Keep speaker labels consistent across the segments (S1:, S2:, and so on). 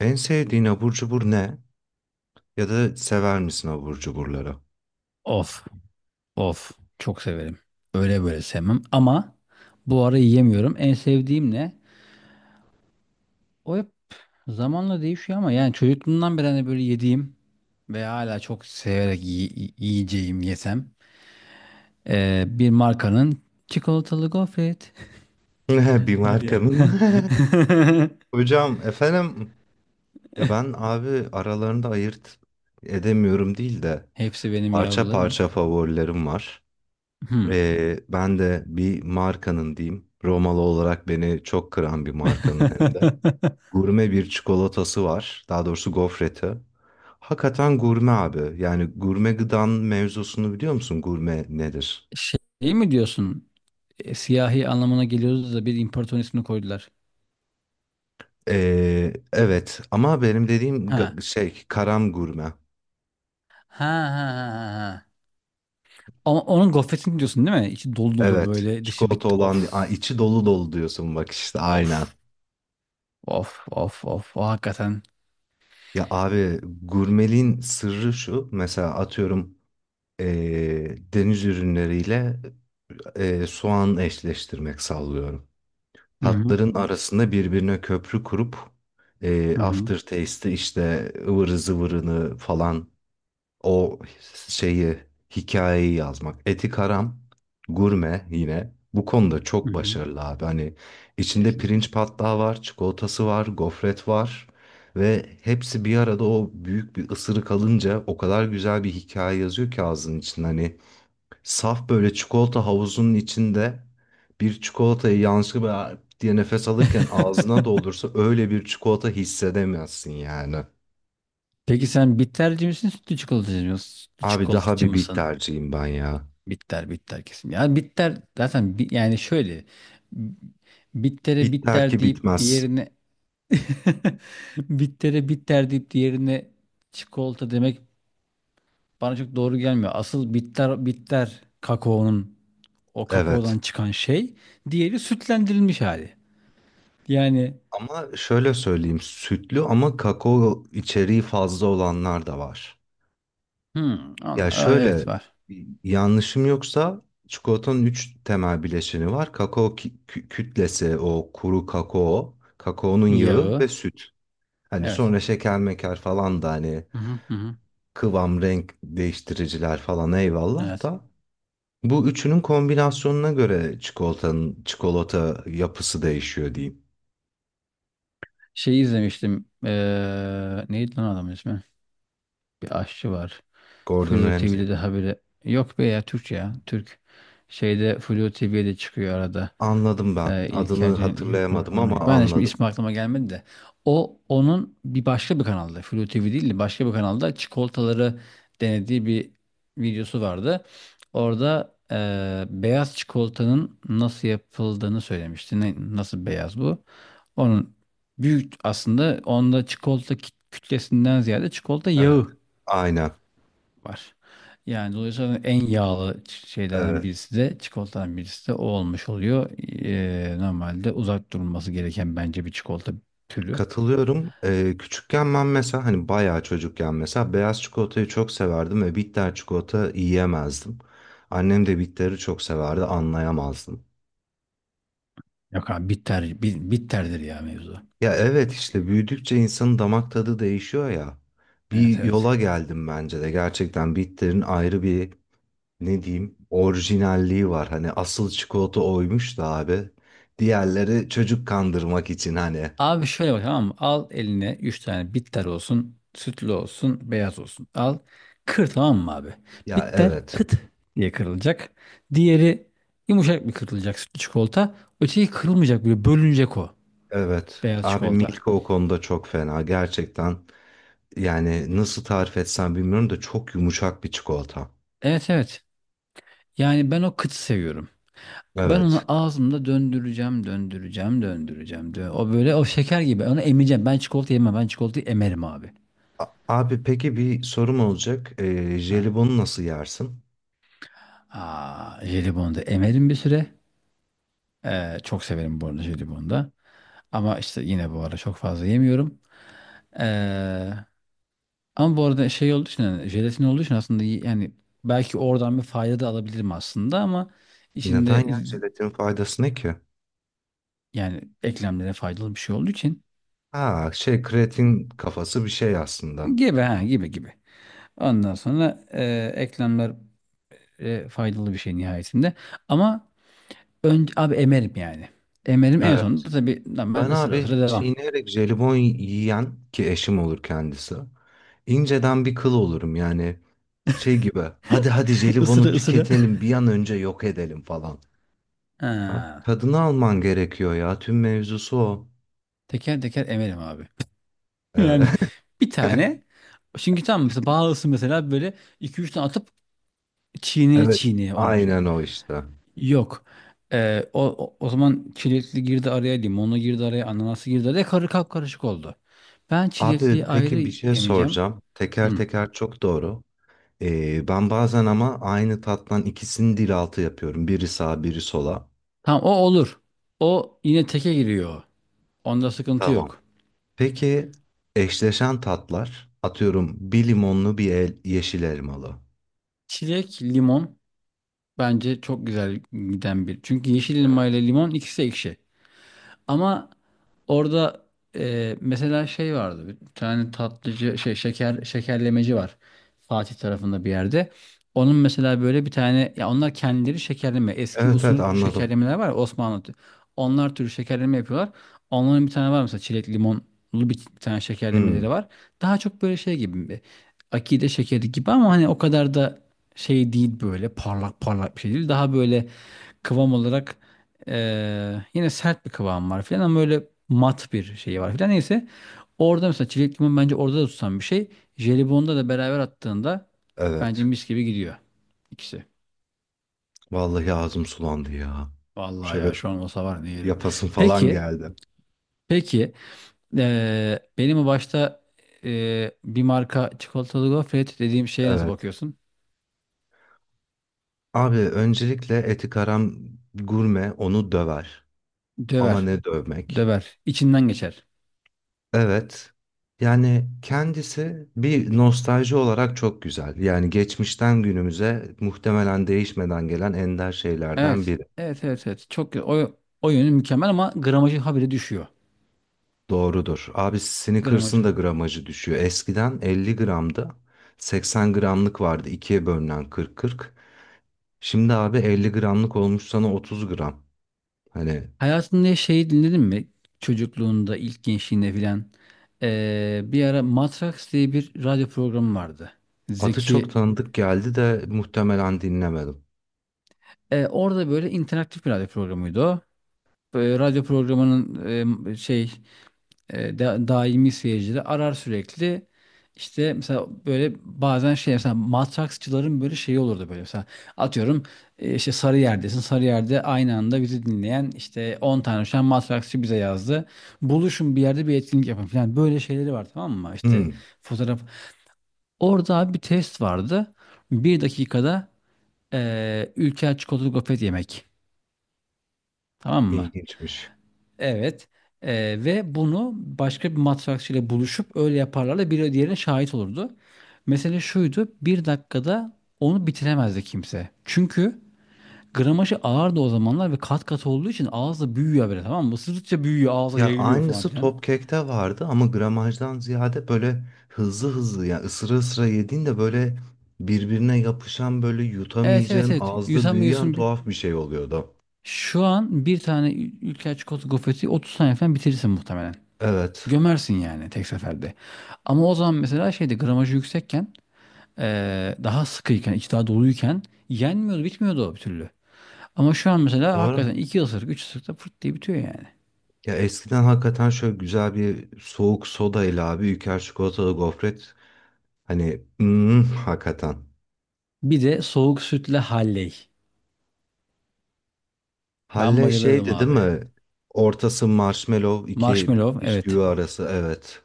S1: En sevdiğin abur cubur ne? Ya da sever misin abur cuburları?
S2: Of, of. Çok severim. Öyle böyle sevmem ama bu ara yiyemiyorum. En sevdiğim ne? O hep zamanla değişiyor ama yani çocukluğumdan beri hani böyle yediğim ve hala çok severek yiyeceğim yesem bir markanın çikolatalı gofret
S1: Bir
S2: var ya.
S1: markanın. Hocam efendim ya ben abi aralarında ayırt edemiyorum değil de
S2: Hepsi benim
S1: parça
S2: yavrularım.
S1: parça favorilerim var.
S2: Hmm.
S1: Ben de bir markanın diyeyim. Romalı olarak beni çok kıran bir markanın hem de. Gurme bir çikolatası var. Daha doğrusu gofreti. Hakikaten gurme abi. Yani gurme gıdan mevzusunu biliyor musun? Gurme nedir?
S2: Şey mi diyorsun? E, siyahi anlamına geliyordu da bir imparator ismini koydular.
S1: Evet ama benim dediğim
S2: Ha.
S1: karam gurme.
S2: Ha ha ha ha. Ha. Ama onun gofretini diyorsun değil mi? İçi dolu dolu
S1: Evet.
S2: böyle dışı
S1: Çikolata
S2: bit.
S1: olan
S2: Of.
S1: Aa, içi dolu dolu diyorsun bak işte aynen.
S2: Of. Of. Of. Of. O hakikaten.
S1: Ya abi gurmeliğin sırrı şu. Mesela atıyorum deniz ürünleriyle soğan eşleştirmek sallıyorum.
S2: Hı hı.
S1: Tatların arasında birbirine köprü kurup
S2: Hı hı.
S1: aftertaste'i işte ıvırı zıvırını falan o şeyi, hikayeyi yazmak. Eti Karam, gurme yine. Bu konuda
S2: Hı
S1: çok
S2: hı.
S1: başarılı abi. Hani içinde
S2: Kesinlikle.
S1: pirinç patlağı var, çikolatası var, gofret var. Ve hepsi bir arada o büyük bir ısırık alınca o kadar güzel bir hikaye yazıyor ki ağzının için. Hani saf böyle çikolata havuzunun içinde bir çikolatayı yanlışlıkla "Aa!" diye nefes alırken ağzına doldursa öyle bir çikolata hissedemezsin yani.
S2: Peki sen bitterci misin, sütlü çikolatacı mısın? Sütlü
S1: Abi daha
S2: çikolatacı
S1: bir bit
S2: mısın?
S1: tercihim ben ya.
S2: Bitter, bitter kesin. Yani bitter zaten yani şöyle bittere
S1: Bitler
S2: bitter
S1: ki
S2: deyip
S1: bitmez.
S2: diğerine bittere bitter deyip diğerine çikolata demek bana çok doğru gelmiyor. Asıl bitter bitter kakaonun o
S1: Evet.
S2: kakaodan çıkan şey. Diğeri sütlendirilmiş hali. Yani
S1: Ama şöyle söyleyeyim, sütlü ama kakao içeriği fazla olanlar da var. Ya
S2: Aa,
S1: şöyle
S2: evet var.
S1: yanlışım yoksa çikolatanın üç temel bileşeni var. Kakao kütlesi, o kuru kakao, kakaonun yağı
S2: Yağı.
S1: ve süt. Hani
S2: Evet.
S1: sonra şeker meker falan da hani
S2: Hı hı hı hı.
S1: kıvam, renk değiştiriciler falan eyvallah
S2: Evet.
S1: da bu üçünün kombinasyonuna göre çikolatanın çikolata yapısı değişiyor diyeyim.
S2: Şeyi izlemiştim. Neydi lan adamın ismi? Bir aşçı var.
S1: Gordon
S2: Flu
S1: Ramsay.
S2: TV'de de haberi. Yok be ya Türk ya. Türk. Şeyde Flu TV'de çıkıyor arada.
S1: Anladım ben.
S2: E, İlker
S1: Adını
S2: Cennetli Gün
S1: hatırlayamadım ama
S2: programına. Ben de şimdi
S1: anladım.
S2: ismi aklıma gelmedi de. O onun bir başka bir kanalda. Flu TV değil de başka bir kanalda çikolataları denediği bir videosu vardı. Orada beyaz çikolatanın nasıl yapıldığını söylemişti. Ne, nasıl beyaz bu? Onun büyük aslında onda çikolata kütlesinden ziyade çikolata
S1: Evet.
S2: yağı
S1: Aynen.
S2: var. Yani dolayısıyla en yağlı şeylerden
S1: Evet.
S2: birisi de çikolatadan birisi de o olmuş oluyor. Normalde uzak durulması gereken bence bir çikolata türü.
S1: Katılıyorum. Küçükken ben mesela hani bayağı çocukken mesela beyaz çikolatayı çok severdim ve bitter çikolata yiyemezdim. Annem de bitteri çok severdi, anlayamazdım.
S2: Yok abi bitter, bitterdir ya mevzu.
S1: Ya evet işte büyüdükçe insanın damak tadı değişiyor ya.
S2: Evet
S1: Bir yola
S2: evet.
S1: geldim bence de. Gerçekten bitterin ayrı bir ne diyeyim orijinalliği var. Hani asıl çikolata oymuş da abi. Diğerleri çocuk kandırmak için hani.
S2: Abi şöyle bak tamam mı? Al eline 3 tane bitter olsun, sütlü olsun, beyaz olsun. Al kır tamam mı abi?
S1: Ya
S2: Bitter
S1: evet.
S2: kıt diye kırılacak. Diğeri yumuşak bir kırılacak sütlü çikolata. Öteki kırılmayacak böyle bölünecek o
S1: Evet.
S2: beyaz
S1: Abi
S2: çikolata.
S1: Milka o konuda çok fena. Gerçekten yani nasıl tarif etsem bilmiyorum da çok yumuşak bir çikolata.
S2: Evet evet. Yani ben o kıtı seviyorum. Ben
S1: Evet.
S2: onu ağzımda döndüreceğim, döndüreceğim, döndüreceğim. O böyle o şeker gibi. Onu emeceğim. Ben çikolata yemem. Ben çikolatayı emerim abi.
S1: Abi peki bir sorum olacak.
S2: Heh.
S1: Jelibonu nasıl yersin?
S2: Aa, jelibonu da emerim bir süre. Çok severim bu arada jelibonu da. Ama işte yine bu ara çok fazla yemiyorum. Ee, ama bu arada şey olduğu için yani jelatin olduğu için aslında yani belki oradan bir fayda da alabilirim aslında ama içinde
S1: Neden ya jelatin faydası ne ki?
S2: yani eklemlere faydalı bir şey olduğu için
S1: Ha şey kreatin kafası bir şey aslında.
S2: gibi ha gibi gibi. Ondan sonra eklemler faydalı bir şey nihayetinde. Ama önce abi emerim yani. Emerim en
S1: Evet.
S2: sonunda tabii normal
S1: Ben
S2: ısıra ısıra
S1: abi
S2: devam.
S1: çiğneyerek jelibon yiyen ki eşim olur kendisi, inceden bir kıl olurum yani şey gibi hadi hadi
S2: Isıra
S1: jelibonu
S2: ısıra.
S1: tüketelim bir an önce yok edelim falan. Abi
S2: Ha,
S1: tadını alman gerekiyor ya tüm mevzusu o.
S2: teker teker emerim abi.
S1: Ee,
S2: Yani bir tane çünkü tam mesela bağlısı mesela böyle iki üç tane atıp çiğneye
S1: Evet
S2: çiğneye onu şey.
S1: aynen o işte.
S2: Yok. E, o zaman çilekli girdi araya, limonlu girdi araya, ananası girdi araya karı karışık oldu. Ben çilekliyi
S1: Abi
S2: ayrı
S1: peki bir şey
S2: emeceğim.
S1: soracağım. Teker
S2: Hı.
S1: teker çok doğru. Ben bazen ama aynı tattan ikisini dil altı yapıyorum. Biri sağ biri sola.
S2: Tamam o olur. O yine teke giriyor. Onda sıkıntı
S1: Tamam.
S2: yok.
S1: Peki eşleşen tatlar atıyorum bir limonlu bir el, yeşil elmalı.
S2: Çilek, limon bence çok güzel giden bir. Çünkü yeşil elma ile limon ikisi ekşi. Ama orada mesela şey vardı. Bir tane tatlıcı şey şeker şekerlemeci var. Fatih tarafında bir yerde. Onun mesela böyle bir tane ya onlar kendileri şekerleme eski
S1: Evet evet
S2: usul
S1: anladım.
S2: şekerlemeler var ya Osmanlı. Onlar türü şekerleme yapıyorlar. Onların bir tane var mesela çilek limonlu bir tane şekerlemeleri
S1: Hmm,
S2: var. Daha çok böyle şey gibi bir akide şekeri gibi ama hani o kadar da şey değil böyle parlak parlak bir şey değil. Daha böyle kıvam olarak yine sert bir kıvam var filan ama böyle mat bir şey var filan. Neyse orada mesela çilek limon bence orada da tutan bir şey. Jelibon'da da beraber attığında bence
S1: evet.
S2: mis gibi gidiyor ikisi.
S1: Vallahi ağzım sulandı ya.
S2: Vallahi
S1: Şöyle
S2: ya şu an olsa var ne yerim.
S1: yapasın falan
S2: Peki,
S1: geldi.
S2: peki benim o başta bir marka çikolatalı gofret dediğim şeye nasıl
S1: Evet.
S2: bakıyorsun?
S1: Abi öncelikle etikaram gurme onu döver. Ama
S2: Döver,
S1: ne dövmek?
S2: döver, İçinden geçer.
S1: Evet. Yani kendisi bir nostalji olarak çok güzel. Yani geçmişten günümüze muhtemelen değişmeden gelen ender şeylerden biri.
S2: Evet. Çok o yönü mükemmel ama gramajı habire düşüyor.
S1: Doğrudur. Abi Snickers'ın da
S2: Gramajı
S1: gramajı düşüyor. Eskiden 50 gramda 80 gramlık vardı, ikiye bölünen kırk kırk. Şimdi abi 50 gramlık olmuş sana 30 gram. Hani
S2: hayatında şeyi dinledin mi? Çocukluğunda, ilk gençliğinde filan. Bir ara Matrax diye bir radyo programı vardı.
S1: adı çok
S2: Zeki.
S1: tanıdık geldi de muhtemelen dinlemedim.
S2: Orada böyle interaktif bir radyo programıydı o. Radyo programının daimi seyircileri arar sürekli. İşte mesela böyle bazen şey mesela matraksçıların böyle şeyi olurdu böyle mesela atıyorum işte Sarıyer'desin Sarıyer'de aynı anda bizi dinleyen işte 10 tane şu an matraksçı bize yazdı. Buluşun bir yerde bir etkinlik yapın falan böyle şeyleri var tamam mı? İşte
S1: Hmm,
S2: fotoğraf. Orada abi bir test vardı. Bir dakikada Ülker çikolatalı gofret yemek. Tamam mı?
S1: ilginçmiş.
S2: Evet. Ve bunu başka bir matrakçıyla buluşup öyle yaparlarla biri diğerine şahit olurdu. Mesele şuydu. Bir dakikada onu bitiremezdi kimse. Çünkü gramajı ağırdı o zamanlar ve kat kat olduğu için ağızda büyüyor böyle tamam mı? Isırdıkça büyüyor ağza
S1: Ya
S2: yayılıyor falan
S1: aynısı
S2: filan.
S1: Topcake'te vardı ama gramajdan ziyade böyle hızlı hızlı ya ısıra ısıra yediğin de böyle birbirine yapışan böyle
S2: Evet evet
S1: yutamayacağın
S2: evet.
S1: ağızda büyüyen
S2: Yutamıyorsun.
S1: tuhaf bir şey oluyordu.
S2: Şu an bir tane ülker çikolata gofreti 30 saniye falan bitirirsin muhtemelen.
S1: Evet.
S2: Gömersin yani tek seferde. Ama o zaman mesela şeydi gramajı yüksekken daha sıkıyken, içi daha doluyken yenmiyordu, bitmiyordu o bir türlü. Ama şu an mesela
S1: Doğru.
S2: hakikaten iki ısırık, üç ısırıkta fırt diye bitiyor yani.
S1: Ya eskiden hakikaten şöyle güzel bir soğuk soda ile abi Ülker çikolatalı gofret hani hakikaten.
S2: Bir de soğuk sütle halley. Ben
S1: Halle
S2: bayılırdım
S1: şeydi değil
S2: abi.
S1: mi? Ortası marshmallow iki
S2: Marshmallow,
S1: bisküvi
S2: evet.
S1: arası evet.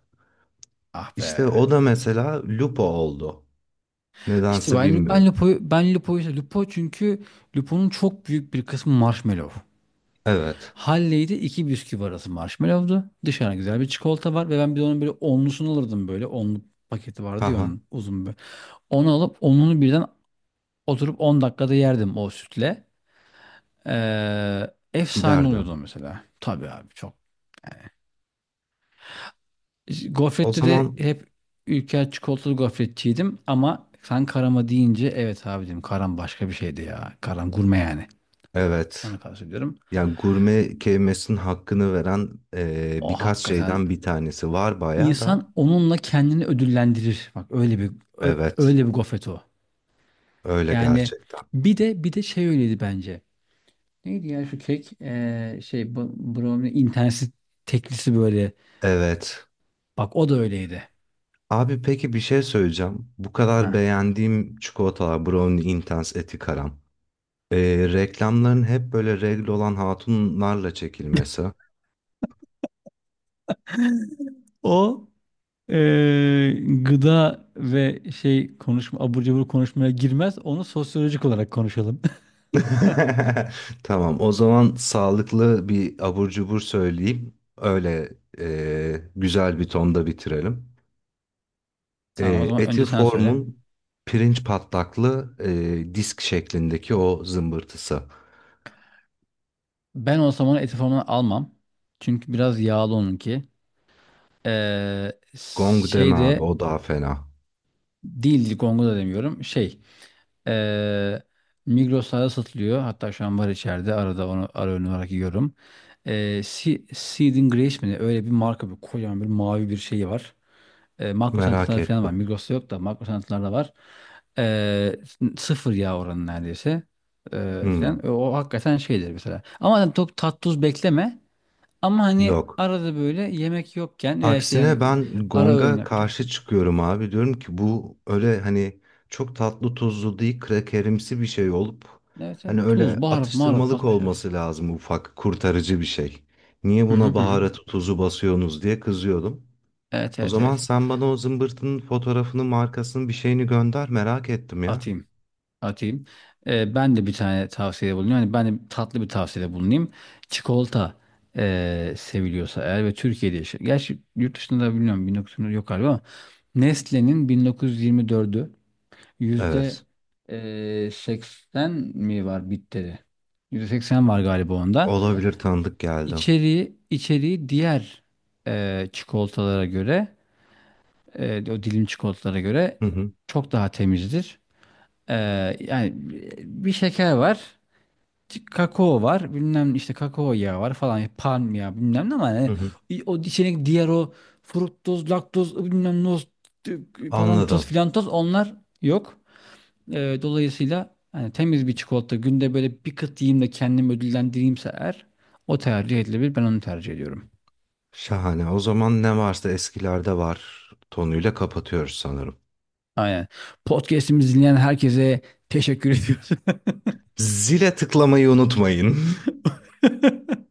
S2: Ah
S1: İşte
S2: be.
S1: o da mesela lupo oldu.
S2: İşte
S1: Nedense
S2: ben
S1: bilmiyorum.
S2: Lupo'yu, Lupo çünkü Lupo'nun çok büyük bir kısmı marshmallow.
S1: Evet.
S2: Halley'de iki bisküvi arası marshmallow'du. Dışarı güzel bir çikolata var ve ben bir de onun böyle onlusunu alırdım böyle. Onlu paketi vardı ya
S1: Haha
S2: onun uzun böyle. Onu alıp onunu birden oturup 10 dakikada yerdim o sütle. Efsane
S1: giderdi.
S2: oluyordu mesela. Tabii abi çok.
S1: O
S2: Gofrette de
S1: zaman
S2: hep Ülker çikolatalı gofretçiydim ama sen karama deyince evet abi dedim karam başka bir şeydi ya. Karam gurme yani.
S1: evet.
S2: Onu kastediyorum.
S1: Yani gurme kelimesinin hakkını veren
S2: O
S1: birkaç
S2: hakikaten
S1: şeyden bir tanesi var bayağı da.
S2: insan onunla kendini ödüllendirir. Bak öyle bir
S1: Evet.
S2: öyle bir gofret o.
S1: Öyle
S2: Yani
S1: gerçekten.
S2: bir de şey öyleydi bence. Neydi ya şu kek? Şey brownie interneti teklisi böyle.
S1: Evet.
S2: Bak o da öyleydi.
S1: Abi peki bir şey söyleyeceğim. Bu kadar
S2: Heh.
S1: beğendiğim çikolatalar Brownie Intense Etikaram. Reklamların hep böyle regl olan hatunlarla çekilmesi.
S2: O eee, gıda ve şey konuşma abur cubur konuşmaya girmez. Onu sosyolojik olarak konuşalım.
S1: Tamam o zaman sağlıklı bir abur cubur söyleyeyim. Öyle güzel bir tonda bitirelim.
S2: Tamam o
S1: E,
S2: zaman
S1: Eti
S2: önce sen söyle.
S1: formun pirinç patlaklı disk şeklindeki o zımbırtısı.
S2: Ben olsam onu eti formuna almam. Çünkü biraz yağlı onunki. Ee,
S1: Gong deme
S2: şey
S1: abi
S2: de
S1: o daha fena.
S2: değil Ligongo da demiyorum. Şey ee, Migros'ta satılıyor. Hatta şu an var içeride. Arada onu ara öğün olarak yiyorum. Ee, Seed and Grace mi ne? Öyle bir marka bir kocaman bir mavi bir şeyi var. Makro
S1: Merak
S2: santralar falan var.
S1: ettim.
S2: Migros'ta yok da makro santralarda var. E, sıfır yağ oranı neredeyse.
S1: Hmm,
S2: O, hakikaten şeydir mesela. Ama hani çok tat tuz bekleme. Ama hani
S1: yok.
S2: arada böyle yemek yokken veya işte
S1: Aksine
S2: yani
S1: ben
S2: ara öğün
S1: Gong'a karşı
S2: yapacaksın.
S1: çıkıyorum abi. Diyorum ki bu öyle hani çok tatlı tuzlu değil krakerimsi bir şey olup
S2: Evet
S1: hani
S2: evet. Tuz,
S1: öyle
S2: baharat, maharat
S1: atıştırmalık
S2: basmış her şey.
S1: olması lazım ufak kurtarıcı bir şey. Niye
S2: Hı hı
S1: buna
S2: hı. hı.
S1: baharatı tuzu basıyorsunuz diye kızıyordum.
S2: Evet
S1: O
S2: evet
S1: zaman
S2: evet.
S1: sen bana o zımbırtının fotoğrafını markasını bir şeyini gönder merak ettim ya.
S2: Atayım. Atayım. Ben de bir tane tavsiyede bulunuyorum. Yani ben de tatlı bir tavsiyede bulunayım. Çikolata seviliyorsa eğer ve Türkiye'de yaşıyor. Gerçi yurt dışında da bilmiyorum 1924 yok galiba ama Nestle'nin 1924'ü yüzde
S1: Evet,
S2: 80 mi var bitteri? Yüzde 80 var galiba onda.
S1: olabilir tanıdık geldi.
S2: İçeriği diğer çikolatalara göre o dilim çikolatalara göre
S1: Hı hı,
S2: çok daha temizdir. Yani bir şeker var. Kakao var bilmem işte kakao yağı var falan palm yağı bilmem ne ama
S1: hı
S2: yani
S1: hı.
S2: o içine diğer o fruktoz laktoz bilmem noz falan toz
S1: Anladım.
S2: filan toz onlar yok. Dolayısıyla hani temiz bir çikolata günde böyle bir kıt yiyeyim de kendimi ödüllendireyimse eğer o tercih edilebilir ben onu tercih ediyorum.
S1: Şahane. O zaman ne varsa eskilerde var tonuyla kapatıyoruz sanırım.
S2: Aynen. Podcast'imizi dinleyen herkese teşekkür ediyoruz.
S1: Zile tıklamayı unutmayın.